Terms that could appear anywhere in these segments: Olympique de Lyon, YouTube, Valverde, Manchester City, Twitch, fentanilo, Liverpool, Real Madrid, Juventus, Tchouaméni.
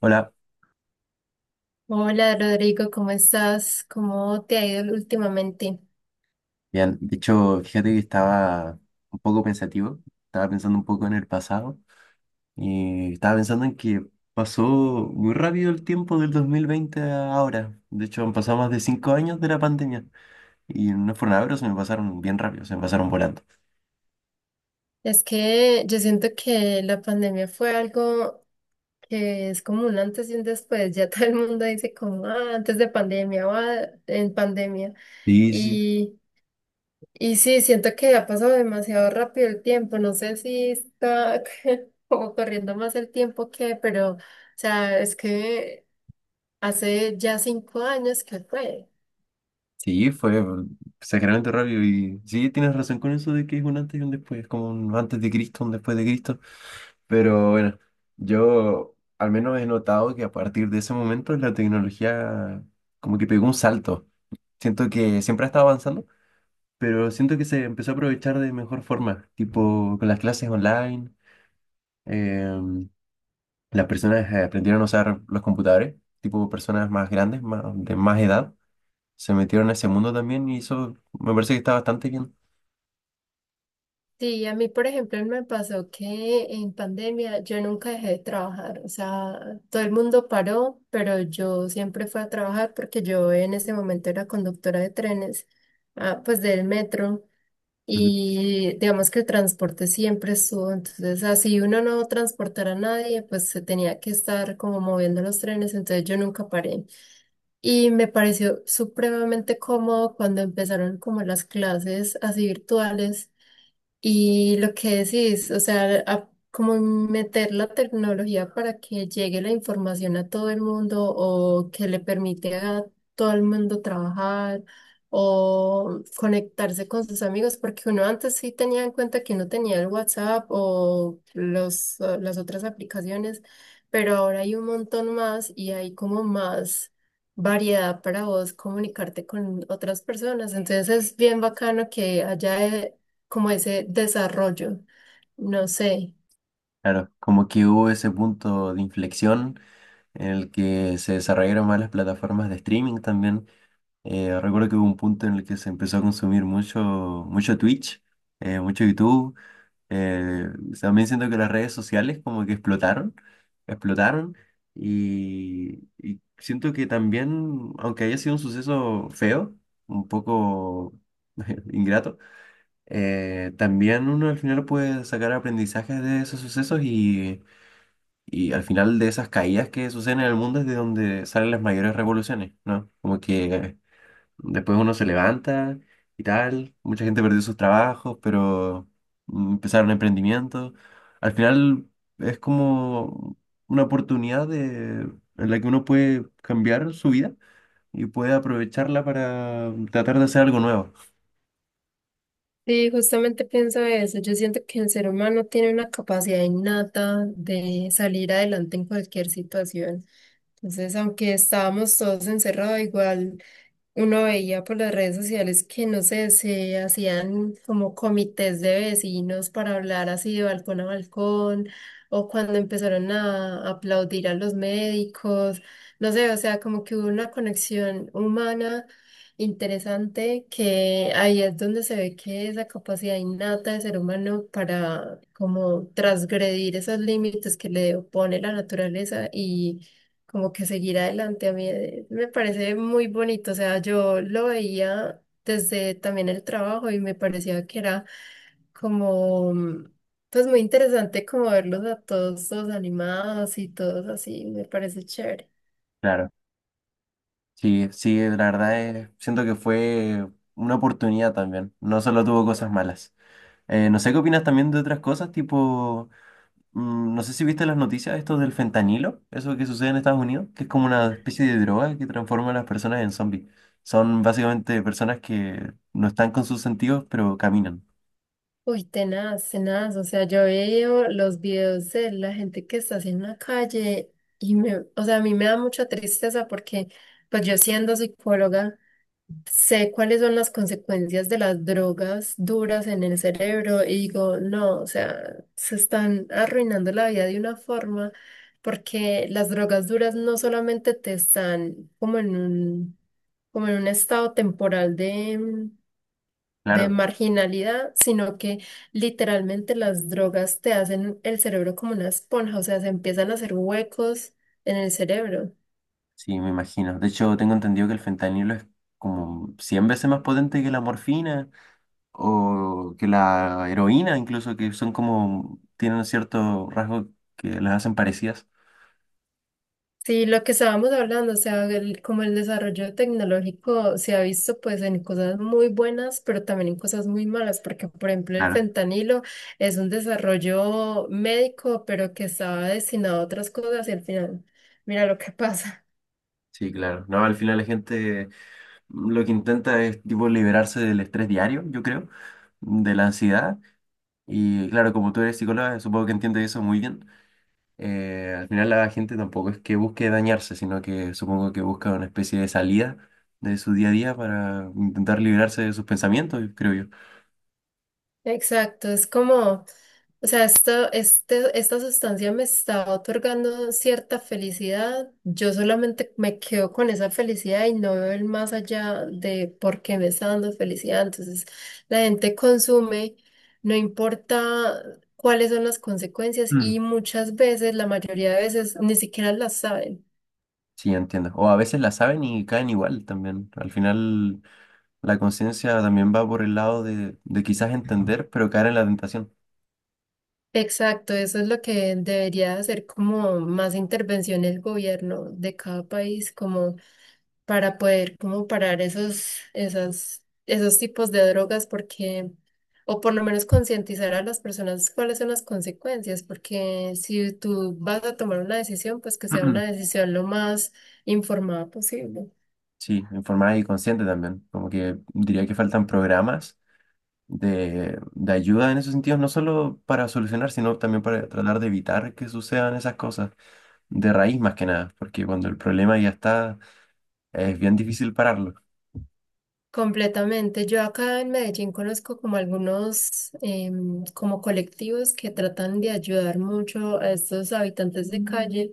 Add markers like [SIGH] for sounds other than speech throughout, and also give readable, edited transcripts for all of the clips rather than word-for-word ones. Hola, Hola Rodrigo, ¿cómo estás? ¿Cómo te ha ido últimamente? bien. De hecho, fíjate que estaba un poco pensativo, estaba pensando un poco en el pasado y estaba pensando en que pasó muy rápido el tiempo del 2020 a ahora. De hecho, han pasado más de 5 años de la pandemia y no fueron nada, pero se me pasaron bien rápido, se me pasaron volando. Es que yo siento que la pandemia fue algo que es como un antes y un después. [LAUGHS] Ya todo el mundo dice como "Ah, antes de pandemia" o "Ah, en pandemia". Sí, sí. Y, y sí, siento que ha pasado demasiado rápido el tiempo. No sé si está [LAUGHS] como corriendo más el tiempo que, pero, o sea, es que hace ya cinco años que fue. Sí, fue exageradamente rápido y sí, tienes razón con eso de que es un antes y un después, es como un antes de Cristo, un después de Cristo. Pero bueno, yo al menos he notado que a partir de ese momento la tecnología como que pegó un salto. Siento que siempre ha estado avanzando, pero siento que se empezó a aprovechar de mejor forma, tipo con las clases online, em, las personas aprendieron a usar los computadores, tipo personas más grandes, más, de más edad, se metieron a ese mundo también y eso me parece que está bastante bien. Sí, a mí, por ejemplo, me pasó que en pandemia yo nunca dejé de trabajar, o sea, todo el mundo paró, pero yo siempre fui a trabajar porque yo en ese momento era conductora de trenes, ah, pues del metro, Ujú. y digamos que el transporte siempre estuvo, entonces así uno no transportara a nadie, pues se tenía que estar como moviendo los trenes, entonces yo nunca paré. Y me pareció supremamente cómodo cuando empezaron como las clases así virtuales. Y lo que decís, o sea, como meter la tecnología para que llegue la información a todo el mundo o que le permite a todo el mundo trabajar o conectarse con sus amigos, porque uno antes sí tenía en cuenta que no tenía el WhatsApp o las otras aplicaciones, pero ahora hay un montón más y hay como más variedad para vos comunicarte con otras personas. Entonces es bien bacano que haya como ese desarrollo. No sé. Claro, como que hubo ese punto de inflexión en el que se desarrollaron más las plataformas de streaming también. Recuerdo que hubo un punto en el que se empezó a consumir mucho, mucho Twitch, mucho YouTube. Eh, También siento que las redes sociales como que explotaron, explotaron y siento que también, aunque haya sido un suceso feo, un poco [LAUGHS] ingrato, también uno al final puede sacar aprendizajes de esos sucesos y al final de esas caídas que suceden en el mundo es de donde salen las mayores revoluciones, ¿no? Como que después uno se levanta y tal, mucha gente perdió sus trabajos, pero empezaron emprendimientos. Al final es como una oportunidad de, en la que uno puede cambiar su vida y puede aprovecharla para tratar de hacer algo nuevo. Sí, justamente pienso eso. Yo siento que el ser humano tiene una capacidad innata de salir adelante en cualquier situación. Entonces, aunque estábamos todos encerrados, igual uno veía por las redes sociales que, no sé, se hacían como comités de vecinos para hablar así de balcón a balcón, o cuando empezaron a aplaudir a los médicos, no sé, o sea, como que hubo una conexión humana interesante que ahí es donde se ve que esa capacidad innata del ser humano para como transgredir esos límites que le opone la naturaleza como que seguir adelante. A mí me parece muy bonito, o sea, yo lo veía desde también el trabajo y me parecía que era como, pues muy interesante como verlos a todos, todos animados y todos así, me parece chévere. Claro. Sí, sí, la verdad es, siento que fue una oportunidad también, no solo tuvo cosas malas. No sé qué opinas también de otras cosas, tipo, no sé si viste las noticias, esto del fentanilo, eso que sucede en Estados Unidos, que es como una especie de droga que transforma a las personas en zombies. Son básicamente personas que no están con sus sentidos, pero caminan. Uy, tenaz, tenaz, o sea, yo veo los videos de la gente que está así en la calle y me, o sea, a mí me da mucha tristeza porque, pues yo siendo psicóloga, sé cuáles son las consecuencias de las drogas duras en el cerebro y digo, no, o sea, se están arruinando la vida de una forma porque las drogas duras no solamente te están como en un estado temporal de Claro, marginalidad, sino que literalmente las drogas te hacen el cerebro como una esponja, o sea, se empiezan a hacer huecos en el cerebro. sí, me imagino. De hecho, tengo entendido que el fentanilo es como 100 veces más potente que la morfina o que la heroína, incluso, que son como, tienen cierto rasgo que las hacen parecidas. Sí, lo que estábamos hablando, o sea, como el desarrollo tecnológico se ha visto pues en cosas muy buenas, pero también en cosas muy malas, porque por ejemplo el Claro, fentanilo es un desarrollo médico, pero que estaba destinado a otras cosas y al final, mira lo que pasa. sí, claro. No, al final la gente lo que intenta es tipo liberarse del estrés diario, yo creo, de la ansiedad. Y claro, como tú eres psicóloga, supongo que entiendes eso muy bien. Al final la gente tampoco es que busque dañarse, sino que supongo que busca una especie de salida de su día a día para intentar liberarse de sus pensamientos, creo yo. Exacto, es como, o sea, esto, este, esta sustancia me está otorgando cierta felicidad. Yo solamente me quedo con esa felicidad y no veo el más allá de por qué me está dando felicidad. Entonces, la gente consume, no importa cuáles son las consecuencias y Mm. muchas veces, la mayoría de veces, ni siquiera las saben. Sí, entiendo. O a veces la saben y caen igual también. Al final la conciencia también va por el lado de quizás entender, pero caer en la tentación. Exacto, eso es lo que debería hacer como más intervención el gobierno de cada país, como para poder como parar esos, esas, esos tipos de drogas porque, o por lo menos concientizar a las personas cuáles son las consecuencias, porque si tú vas a tomar una decisión, pues que sea una [CLEARS THROAT] decisión lo más informada posible. Sí, informada y consciente también. Como que diría que faltan programas de ayuda en esos sentidos, no solo para solucionar, sino también para tratar de evitar que sucedan esas cosas, de raíz más que nada, porque cuando el problema ya está, es bien difícil pararlo. Completamente. Yo acá en Medellín conozco como algunos como colectivos que tratan de ayudar mucho a estos habitantes de calle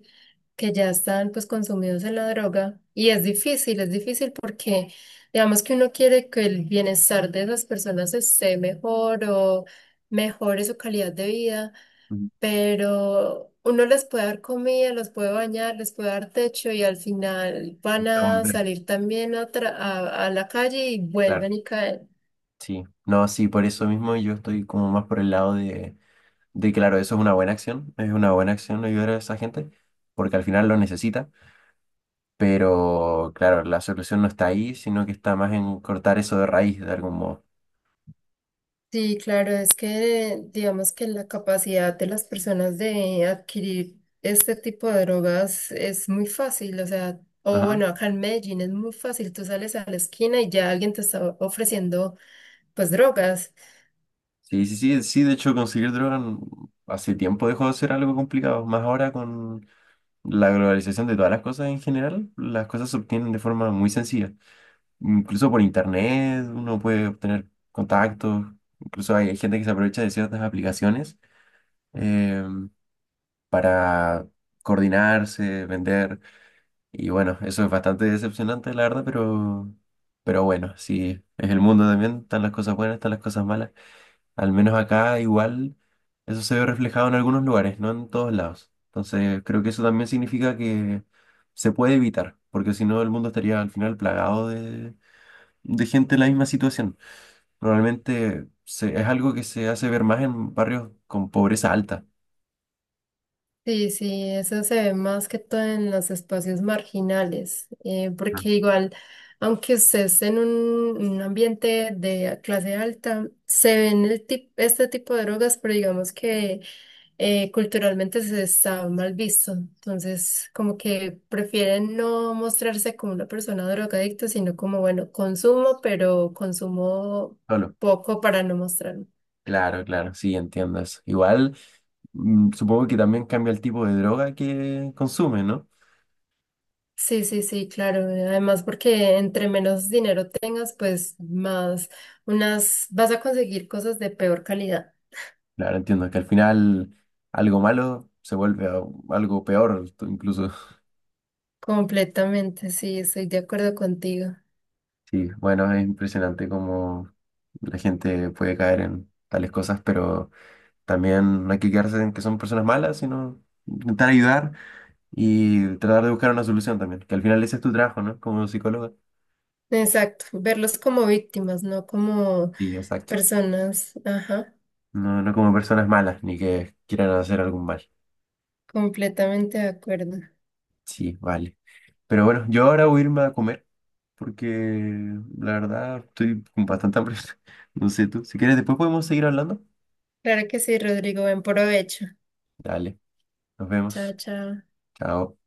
que ya están pues consumidos en la droga y es difícil porque digamos que uno quiere que el bienestar de esas personas esté mejor o mejore su calidad de vida, Ujú. pero uno les puede dar comida, los puede bañar, les puede dar techo y al final van a Entonces, salir también a la calle y claro, vuelven y caen. sí. No, sí, por eso mismo yo estoy como más por el lado de claro, eso es una buena acción, es una buena acción ayudar a esa gente, porque al final lo necesita. Pero claro, la solución no está ahí, sino que está más en cortar eso de raíz de algún modo. Sí, claro, es que digamos que la capacidad de las personas de adquirir este tipo de drogas es muy fácil, o sea, o Ajá. bueno, acá en Medellín es muy fácil, tú sales a la esquina y ya alguien te está ofreciendo pues drogas. Sí, sí, sí, sí, de hecho conseguir droga hace tiempo dejó de ser algo complicado, más ahora con la globalización de todas las cosas en general, las cosas se obtienen de forma muy sencilla. Incluso por internet uno puede obtener contactos, incluso hay, hay gente que se aprovecha de ciertas aplicaciones eh, para coordinarse, vender. Y bueno, eso es bastante decepcionante, la verdad, pero bueno, sí, es el mundo también, están las cosas buenas, están las cosas malas. Al menos acá igual eso se ve reflejado en algunos lugares, no en todos lados. Entonces creo que eso también significa que se puede evitar, porque si no el mundo estaría al final plagado de gente en la misma situación. Normalmente es algo que se hace ver más en barrios con pobreza alta. Sí, sí, eso se ve más que todo en los espacios marginales, Ah, porque igual, aunque usted esté en un ambiente de clase alta, se ven este tipo de drogas, pero digamos que culturalmente se está mal visto. Entonces, como que prefieren no mostrarse como una persona drogadicta, sino como, bueno, consumo, pero consumo solo. poco para no mostrar. Claro, claro, sí, entiendo eso. Igual. Mm, supongo que también cambia el tipo de droga que consume, ¿no? Sí, sí, sí, claro. Además, porque entre menos dinero tengas, pues más unas vas a conseguir cosas de peor calidad. Claro, entiendo que al final algo malo se vuelve algo peor, tú incluso. [LAUGHS] Completamente, sí, estoy de acuerdo contigo. Sí, bueno, es impresionante cómo la gente puede caer en tales cosas, pero también no hay que quedarse en que son personas malas, sino intentar ayudar y tratar de buscar una solución también, que al final ese es tu trabajo, ¿no? Como psicólogo. Exacto, verlos como víctimas, no como Sí, exacto. personas. Ajá, No, no como personas malas, ni que quieran hacer algún mal. completamente de acuerdo. Sí, vale. Pero bueno, yo ahora voy a irme a comer porque la verdad estoy con bastante hambre. [LAUGHS] No sé tú. Si quieres, después podemos seguir hablando. Claro que sí, Rodrigo, buen provecho. Dale, nos Chao, vemos. chao. Chao.